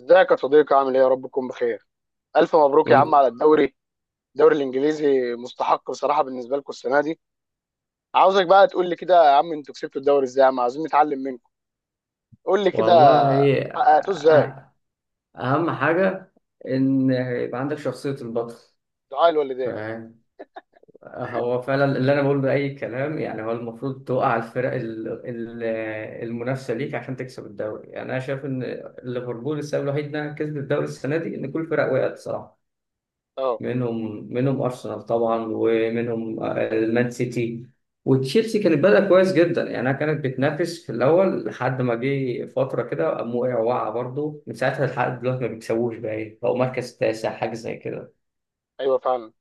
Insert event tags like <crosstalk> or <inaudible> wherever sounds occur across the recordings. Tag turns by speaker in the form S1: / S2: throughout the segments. S1: ازيك يا صديقي؟ عامل ايه؟ يا رب تكون بخير. الف مبروك يا عم
S2: كل.
S1: على الدوري. الدوري الانجليزي مستحق بصراحه بالنسبه لكم السنه دي. عاوزك بقى تقول لي كده يا عم، انتوا كسبتوا الدوري ازاي يا عم؟ عاوزين نتعلم منكم. قول لي كده،
S2: والله
S1: حققتوه ازاي؟
S2: أه- أهم حاجة إن يبقى عندك شخصية البطل.
S1: دعاء الوالدين.
S2: فاهم، هو فعلا اللي أنا بقوله ده أي كلام، يعني هو المفروض توقع الفرق المنافسة ليك عشان تكسب الدوري. يعني أنا شايف إن ليفربول السبب الوحيد إنها كسبت الدوري السنة دي إن كل الفرق وقعت صراحة.
S1: اه،
S2: منهم ارسنال طبعا، ومنهم المان سيتي وتشيلسي. كانت بدأ كويس جدا، يعني كانت بتنافس في الاول لحد ما جه فتره كده قام وقع برضه. من ساعتها لحد دلوقتي ما بيكسبوش، بقى إيه، بقوا مركز تاسع حاجه زي كده.
S1: ايوه فعلا.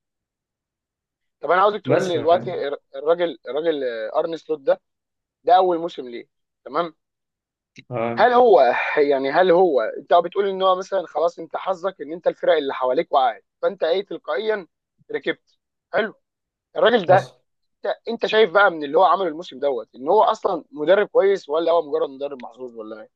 S1: طب انا عاوزك تقول
S2: بس
S1: لي
S2: ف-
S1: دلوقتي الراجل ارني سلوت ده، ده اول موسم ليه. تمام.
S2: آه،
S1: هل هو <laughs> يعني هل هو؟ انت بتقول ان هو مثلا خلاص، انت حظك ان انت الفرق اللي حواليك وقعت فانت ايه؟ تلقائيا ركبت. حلو. الراجل ده،
S2: حصل.
S1: انت شايف بقى من اللي هو عمله الموسم دوت ان هو اصلا مدرب كويس، ولا هو مجرد مدرب محظوظ ولا ايه؟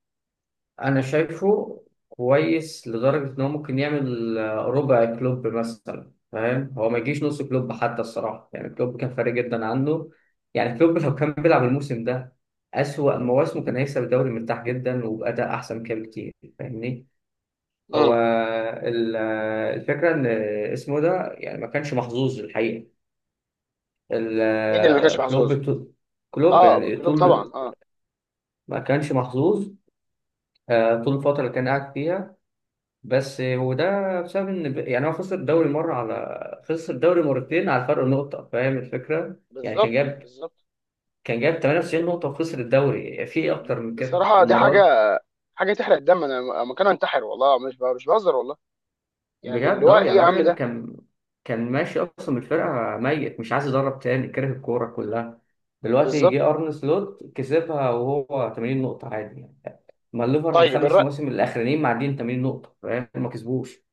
S2: انا شايفه كويس لدرجه ان هو ممكن يعمل ربع كلوب مثلا، فاهم، هو ما يجيش نص كلوب حتى الصراحه. يعني كلوب كان فارق جدا عنه، يعني كلوب <laughs> لو كان بيلعب الموسم ده اسوأ مواسمه كان هيكسب الدوري مرتاح جدا وبأداء احسن كده بكتير، فاهمني. هو
S1: امم.
S2: الفكره ان اسمه ده يعني ما كانش محظوظ الحقيقه. ال-
S1: مين اللي ما
S2: آه،
S1: كانش محظوظ؟
S2: كلوب طول- كلوب
S1: اه،
S2: يعني
S1: كلوب
S2: طول
S1: طبعا اه.
S2: ما كانش محظوظ، طول الفتره اللي كان قاعد فيها. بس وده بسبب ان يعني هو خسر الدوري مره، على خسر الدوري مرتين على فرق نقطه، فاهم الفكره. يعني
S1: بالظبط بالظبط.
S2: كان جاب
S1: ب-
S2: 98 نقطه وخسر الدوري، في ايه اكتر من كده
S1: بصراحه دي
S2: المره دي.
S1: حاجه، حاجه تحرق الدم. انا مكان انتحر، والله مش مش بهزر والله. يعني
S2: بجد
S1: اللي هو
S2: اه،
S1: ايه
S2: يعني
S1: يا عم
S2: الراجل
S1: ده؟
S2: كان كان ماشي اصلا من الفرقه ميت مش عايز يدرب تاني كره الكوره كلها. دلوقتي
S1: بالظبط.
S2: جه ارن سلوت كسبها وهو 80 نقطه عادي يعني. ما الليفر
S1: طيب
S2: الخمس
S1: الرق،
S2: مواسم الاخرانيين معديين 80 نقطه، فاهم، ما كسبوش.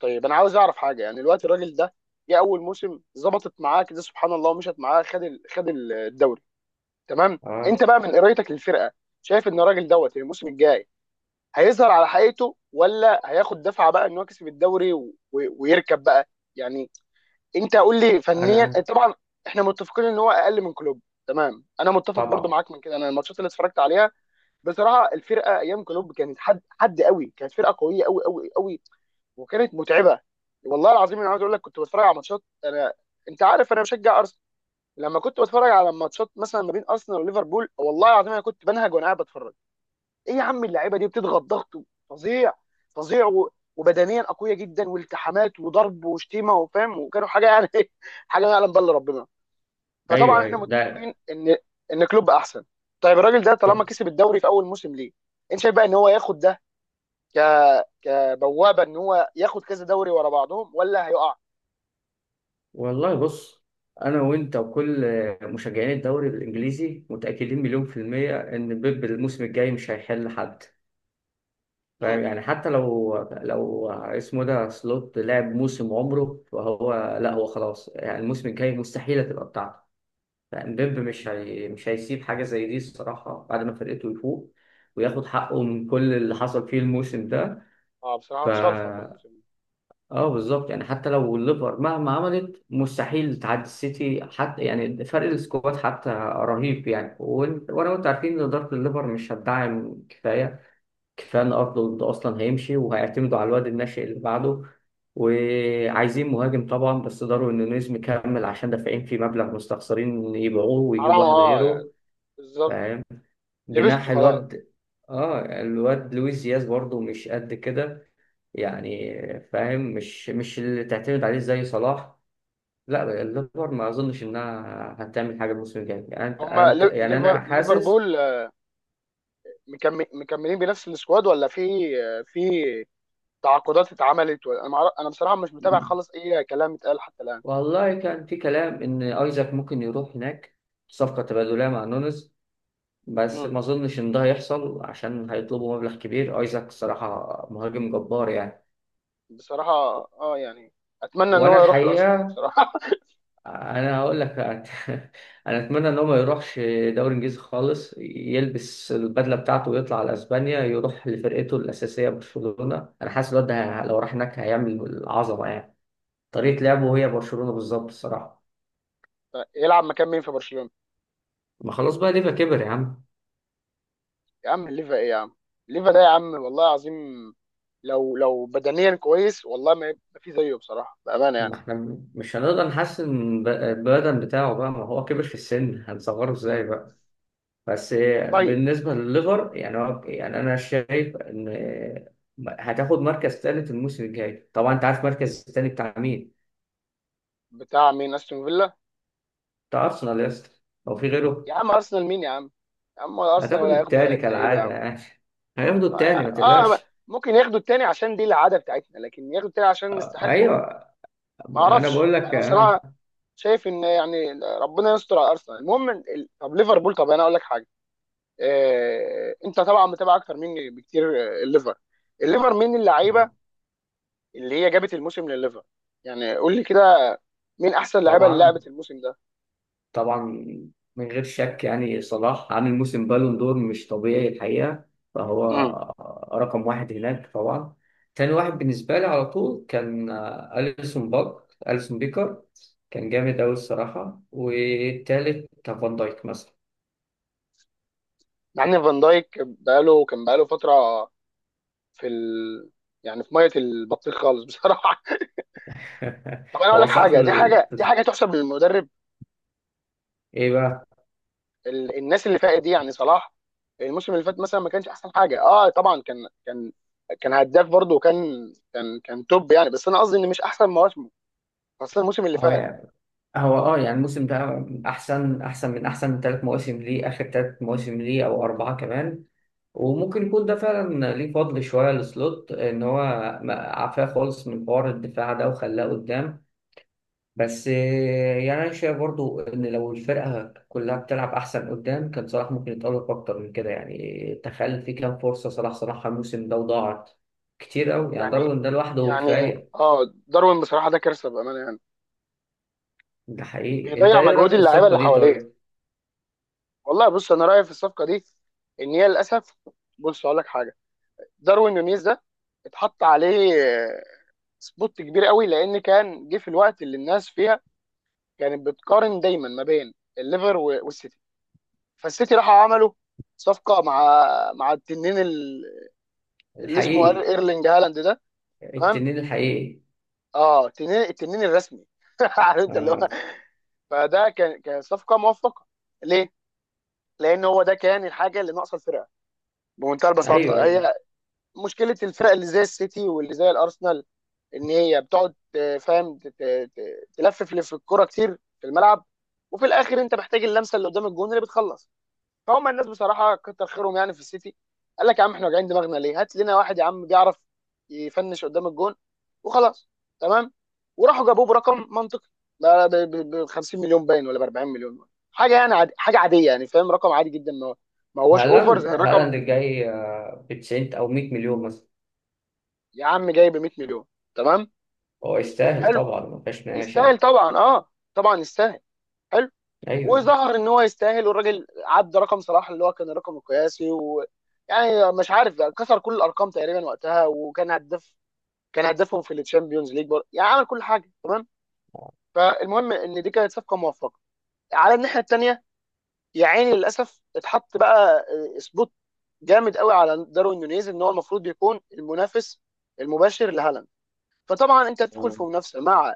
S1: طيب انا عاوز اعرف حاجه. يعني الوقت الراجل ده جه اول موسم، ظبطت معاه كده سبحان الله، ومشت معاه، خد الدوري. تمام. انت
S2: اه.
S1: بقى من قرايتك للفرقه، شايف ان الراجل دوت الموسم الجاي هيظهر على حقيقته، ولا هياخد دفعه بقى ان هو كسب الدوري ويركب بقى؟ يعني انت قول لي فنيا
S2: انا
S1: طبعا. احنا متفقين ان هو اقل من كلوب. تمام، انا متفق برضو
S2: طبعا.
S1: معاك من كده. انا الماتشات اللي اتفرجت عليها، بصراحه الفرقه ايام كلوب كانت حد قوي. كانت فرقه قويه قوي قوي قوي، وكانت متعبه. والله العظيم انا عاوز اقول لك، كنت بتفرج على ماتشات، انا انت عارف انا بشجع ارسنال، لما كنت بتفرج على ماتشات مثلا ما بين ارسنال وليفربول، والله العظيم انا كنت بنهج وانا قاعد بتفرج. ايه يا عم اللعيبه دي؟ بتضغط ضغط فظيع، فظيع وبدنيا اقوياء جدا، والتحامات وضرب وشتيمه وفاهم، وكانوا حاجه يعني <laughs> حاجه يعلم بالله ربنا. فطبعا
S2: ايوه،
S1: احنا
S2: ايوه. ده
S1: متفقين ان كلوب احسن. طيب الراجل ده طالما كسب الدوري في اول موسم ليه، انت شايف بقى ان هو ياخد ده ك كبوابه ان هو ياخد كذا دوري ورا بعضهم، ولا هيقع؟
S2: والله. بص، انا وانت وكل مشجعين الدوري الانجليزي متاكدين مليون في الميه ان بيب الموسم الجاي مش هيحل حد. فاهم،
S1: امم.
S2: يعني حتى لو لو اسمه ده سلوت لعب موسم عمره فهو، لا هو خلاص يعني الموسم الجاي مستحيل هتبقى بتاعته. فاهم بيب مش هيسيب حاجه زي دي الصراحه بعد ما فرقته يفوق وياخد حقه من كل اللي حصل فيه الموسم ده.
S1: اه بصراحه
S2: ف
S1: اتشلفط الموسم ده.
S2: اه بالظبط، يعني حتى لو الليفر مهما عملت مستحيل تعدي السيتي حتى، يعني فرق السكواد حتى رهيب يعني. وانا وانت عارفين ان اداره الليفر مش هتدعم كفايه ان ارنولد اصلا هيمشي وهيعتمدوا على الواد الناشئ اللي بعده. وعايزين مهاجم طبعا بس ضروري ان نونيز مكمل عشان دافعين فيه مبلغ مستخسرين يبيعوه
S1: حرام
S2: ويجيبوا واحد
S1: اه
S2: غيره.
S1: يعني. بالظبط.
S2: فاهم. جناح
S1: لبسته خلاص.
S2: الواد. اه الواد لويس دياز برضه مش قد كده يعني، فاهم، مش مش اللي تعتمد عليه زي صلاح. لا الليفر ما اظنش انها هتعمل حاجه الموسم الجاي، يعني
S1: هما
S2: يعني
S1: ليفر
S2: انا حاسس.
S1: ليفربول مكملين بنفس السكواد، ولا في في تعاقدات اتعملت؟ ولا انا انا بصراحه مش متابع خالص اي كلام اتقال حتى الان.
S2: والله كان في كلام ان ايزاك ممكن يروح هناك صفقه تبادليه مع نونز، بس
S1: امم.
S2: ما اظنش ان ده هيحصل عشان هيطلبوا مبلغ كبير. ايزاك الصراحه مهاجم جبار يعني.
S1: بصراحه اه يعني اتمنى ان
S2: وانا
S1: هو يروح الارسنال
S2: الحقيقه،
S1: بصراحه.
S2: انا هقول لك <laughs> انا اتمنى ان هو ما يروحش دوري انجليزي خالص، يلبس البدله بتاعته ويطلع على اسبانيا يروح لفرقته الاساسيه برشلونه. انا حاسس الواد ده لو راح هناك هيعمل عظمه يعني. طريقه لعبه هي برشلونه بالظبط الصراحه.
S1: <laughs> يلعب مكان مين في برشلونه؟
S2: ما خلاص بقى، ليفا كبر يا عم.
S1: يا عم ليفا ايه يا عم؟ ليفا ده يا عم والله العظيم، لو بدنيا كويس، والله ما ما في زيه بصراحه بامانه يعني.
S2: ما احنا مش هنقدر نحسن البدن بتاعه بقى، ما هو كبر في السن هنصغره ازاي
S1: امم.
S2: بقى. بس،
S1: طيب.
S2: بالنسبة لليفر يعني هو، يعني أنا شايف إن هتاخد مركز تالت الموسم الجاي. طبعا أنت عارف مركز التاني بتاع مين؟
S1: بتاع مين؟ استون فيلا؟
S2: بتاع أرسنال يا اسطى. هو في غيره؟
S1: يا عم ارسنال مين يا عم؟ يا عم ولا ارسنال
S2: هتاخد
S1: ولا هياخده ولا
S2: التاني
S1: هيتنقله يا
S2: كالعادة
S1: عم.
S2: يعني، هياخدوا
S1: اه.
S2: التاني ما
S1: آه،
S2: تقلقش.
S1: ممكن ياخدوا التاني عشان دي العاده بتاعتنا، لكن ياخدوا التاني عشان نستحقه.
S2: أيوه،
S1: ما
S2: أنا
S1: اعرفش
S2: بقول لك
S1: انا
S2: آه.
S1: بصراحه. شايف ان يعني ربنا يستر على ارسنال. المهم طب ليفربول، طب انا اقول لك حاجه. آه انت طبعا متابع اكتر مني بكتير. الليفر، الليفر مين اللعيبه
S2: آه.
S1: اللي هي جابت الموسم لليفر؟ يعني قول لي كده، مين احسن لعيبه اللي
S2: طبعا،
S1: لعبت الموسم ده؟
S2: طبعا، من غير شك، يعني صلاح عامل موسم بالون دور مش طبيعي الحقيقة. فهو
S1: امم.
S2: رقم واحد هناك طبعا. تاني واحد بالنسبة لي على طول كان أليسون باك، أليسون بيكر. كان جامد أوي الصراحة، والتالت كان فان دايك مثلا.
S1: مع ان فان دايك كان بقاله فتره في ال... يعني في ميه البطيخ خالص بصراحه. طب انا
S2: <laughs>
S1: اقول
S2: هو
S1: لك
S2: صح
S1: حاجه، دي
S2: ال...
S1: حاجه دي حاجه تحسب للمدرب.
S2: إيه بقى؟
S1: الناس اللي فاتت دي، يعني صلاح الموسم اللي فات مثلا ما كانش احسن حاجه. اه طبعا كان كان هداف برضه، وكان كان كان توب يعني، بس انا قصدي ان مش احسن مواسمه، خاصه الموسم اللي فات.
S2: هو، هو اه يعني الموسم ده احسن من احسن ثلاث مواسم ليه، اخر ثلاث مواسم ليه او 4 كمان. وممكن يكون ده فعلا ليه فضل شويه لسلوت ان هو ما- عفاه خالص من حوار الدفاع ده وخلاه قدام. بس يعني انا شايف برضو ان لو الفرقه كلها بتلعب احسن قدام كان صلاح ممكن يتألق اكتر من كده، يعني تخيل في كام فرصه صلاح صلاحها الموسم ده وضاعت كتير قوي يعني، ضرب
S1: يعني
S2: ان ده لوحده
S1: يعني
S2: كفايه.
S1: اه، داروين بصراحه ده كارثه بامانه يعني،
S2: ده حقيقي. انت
S1: بيضيع
S2: ايه رايك
S1: مجهود
S2: في
S1: اللعيبه
S2: الصفقه
S1: اللي
S2: دي
S1: حواليه.
S2: طيب؟
S1: والله بص، انا رايي في الصفقه دي ان هي للاسف، بص اقول لك حاجه. داروين نونيز ده اتحط عليه سبوت كبير قوي، لان كان جه في الوقت اللي الناس فيها كانت بتقارن دايما ما بين الليفر والسيتي. فالسيتي راحوا عملوا صفقه مع مع التنين اللي اسمه
S2: الحقيقي.
S1: ايرلينج هالاند ده. تمام.
S2: التنين الحقيقي.
S1: اه التنين، الرسمي. <laughs> عارف انت اللي هو.
S2: آه.
S1: فده كان صفقه موفقه. ليه؟ لان هو ده كان الحاجه اللي ناقصه الفرقه بمنتهى
S2: ايوه،
S1: البساطه.
S2: ايوه.
S1: هي مشكله الفرق اللي زي السيتي واللي زي الارسنال ان هي بتقعد فاهم، تلفف لف الكوره كتير في الملعب، وفي الاخر انت محتاج اللمسه اللي قدام الجون اللي بتخلص. فهم الناس بصراحه كتر خيرهم يعني في السيتي، قال لك يا عم احنا واجعين دماغنا ليه، هات لنا واحد يا عم بيعرف يفنش قدام الجون وخلاص. تمام. وراحوا جابوه برقم منطقي، ب 50 مليون باين ولا ب 40 مليون حاجه يعني. عادي، حاجه عاديه يعني، فاهم؟ رقم عادي جدا، ما ما هوش اوفر زي
S2: هالاند،
S1: الرقم.
S2: هالاند الجاي ب 90 او 100 مليون مثلا.
S1: يا عم جاي ب 100 مليون. تمام.
S2: هو يستاهل
S1: حلو.
S2: طبعا ما فيهاش نقاش
S1: يستاهل
S2: يعني.
S1: طبعا، اه طبعا يستاهل. حلو.
S2: ايوه
S1: وظهر ان هو يستاهل، والراجل عدى رقم صلاح اللي هو كان الرقم القياسي يعني مش عارف، كسر كل الارقام تقريبا وقتها، وكان هداف، كان هدافهم في الشامبيونز ليج يعني عمل كل حاجه. تمام. فالمهم ان دي كانت صفقه موفقه. على الناحيه الثانيه، يا عيني للاسف اتحط بقى سبوت جامد قوي على داروين نونيز، ان هو المفروض يكون المنافس المباشر لهالاند. فطبعا انت تدخل
S2: آه.
S1: في منافسه مع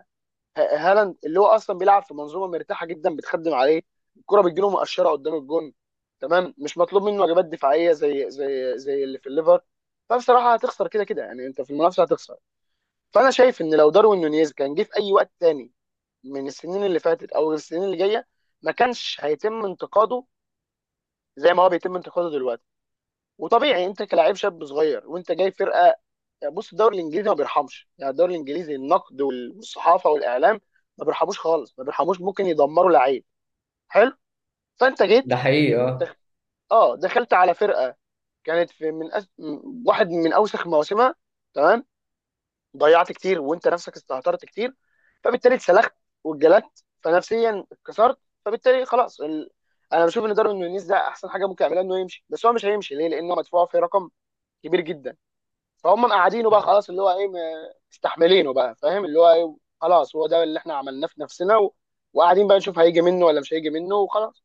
S1: هالاند، اللي هو اصلا بيلعب في منظومه مرتاحه جدا بتخدم عليه، الكره بتجيله مقشره قدام الجون. تمام. مش مطلوب منه واجبات دفاعيه زي زي اللي في الليفر. فبصراحه هتخسر كده كده يعني، انت في المنافسه هتخسر. فانا شايف ان لو داروين نونيز كان جه في اي وقت تاني، من السنين اللي فاتت او السنين اللي جايه، ما كانش هيتم انتقاده زي ما هو بيتم انتقاده دلوقتي. وطبيعي انت كلاعب شاب صغير، وانت جاي فرقه. يعني بص، الدوري الانجليزي ما بيرحمش يعني. الدوري الانجليزي النقد والصحافه والاعلام ما بيرحموش خالص، ما بيرحموش. ممكن يدمروا لعيب. حلو. فانت جيت،
S2: ده حقيقي اه.
S1: دخ... اه دخلت على فرقه كانت في من واحد من اوسخ مواسمها. تمام. ضيعت كتير، وانت نفسك استهترت كتير، فبالتالي اتسلخت واتجلدت، فنفسيا اتكسرت. فبالتالي خلاص انا بشوف ان داروين نونيز ده احسن حاجه ممكن يعملها انه يمشي. بس هو مش هيمشي ليه؟ لانه مدفوع في رقم كبير جدا. فهم مقعدينه بقى خلاص، اللي هو ايه، مستحملينه بقى، فاهم اللي هو ايه؟ خلاص هو ده اللي احنا عملناه في نفسنا، وقاعدين بقى نشوف هيجي منه ولا مش هيجي منه وخلاص.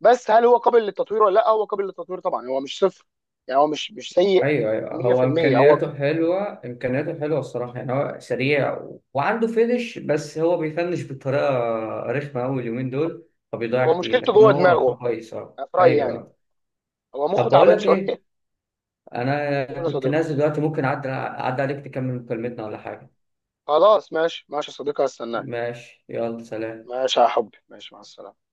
S1: بس هل هو قابل للتطوير ولا لا؟ هو قابل للتطوير طبعا، هو مش صفر يعني. هو مش سيء
S2: ايوه، ايوه. هو
S1: 100%. هو
S2: امكانياته حلوه، امكانياته حلوه الصراحه، يعني هو سريع و... وعنده فينش، بس هو بيفنش بطريقه رخمه قوي اليومين دول، فبيضيع كتير،
S1: مشكلته
S2: لكن
S1: جوه
S2: هو
S1: دماغه،
S2: كويس اه
S1: في رأيي
S2: ايوه
S1: يعني.
S2: آه.
S1: هو مخه
S2: طب بقول
S1: تعبان
S2: لك
S1: شويه
S2: ايه،
S1: <laughs>
S2: انا
S1: قول يا
S2: كنت
S1: صديقي.
S2: نازل دلوقتي، ممكن اعدي عليك تكمل مكالمتنا ولا حاجه؟
S1: خلاص ماشي، ماشي يا صديقي هستناك.
S2: ماشي، يلا، سلام.
S1: ماشي يا حبي، ماشي مع السلامه.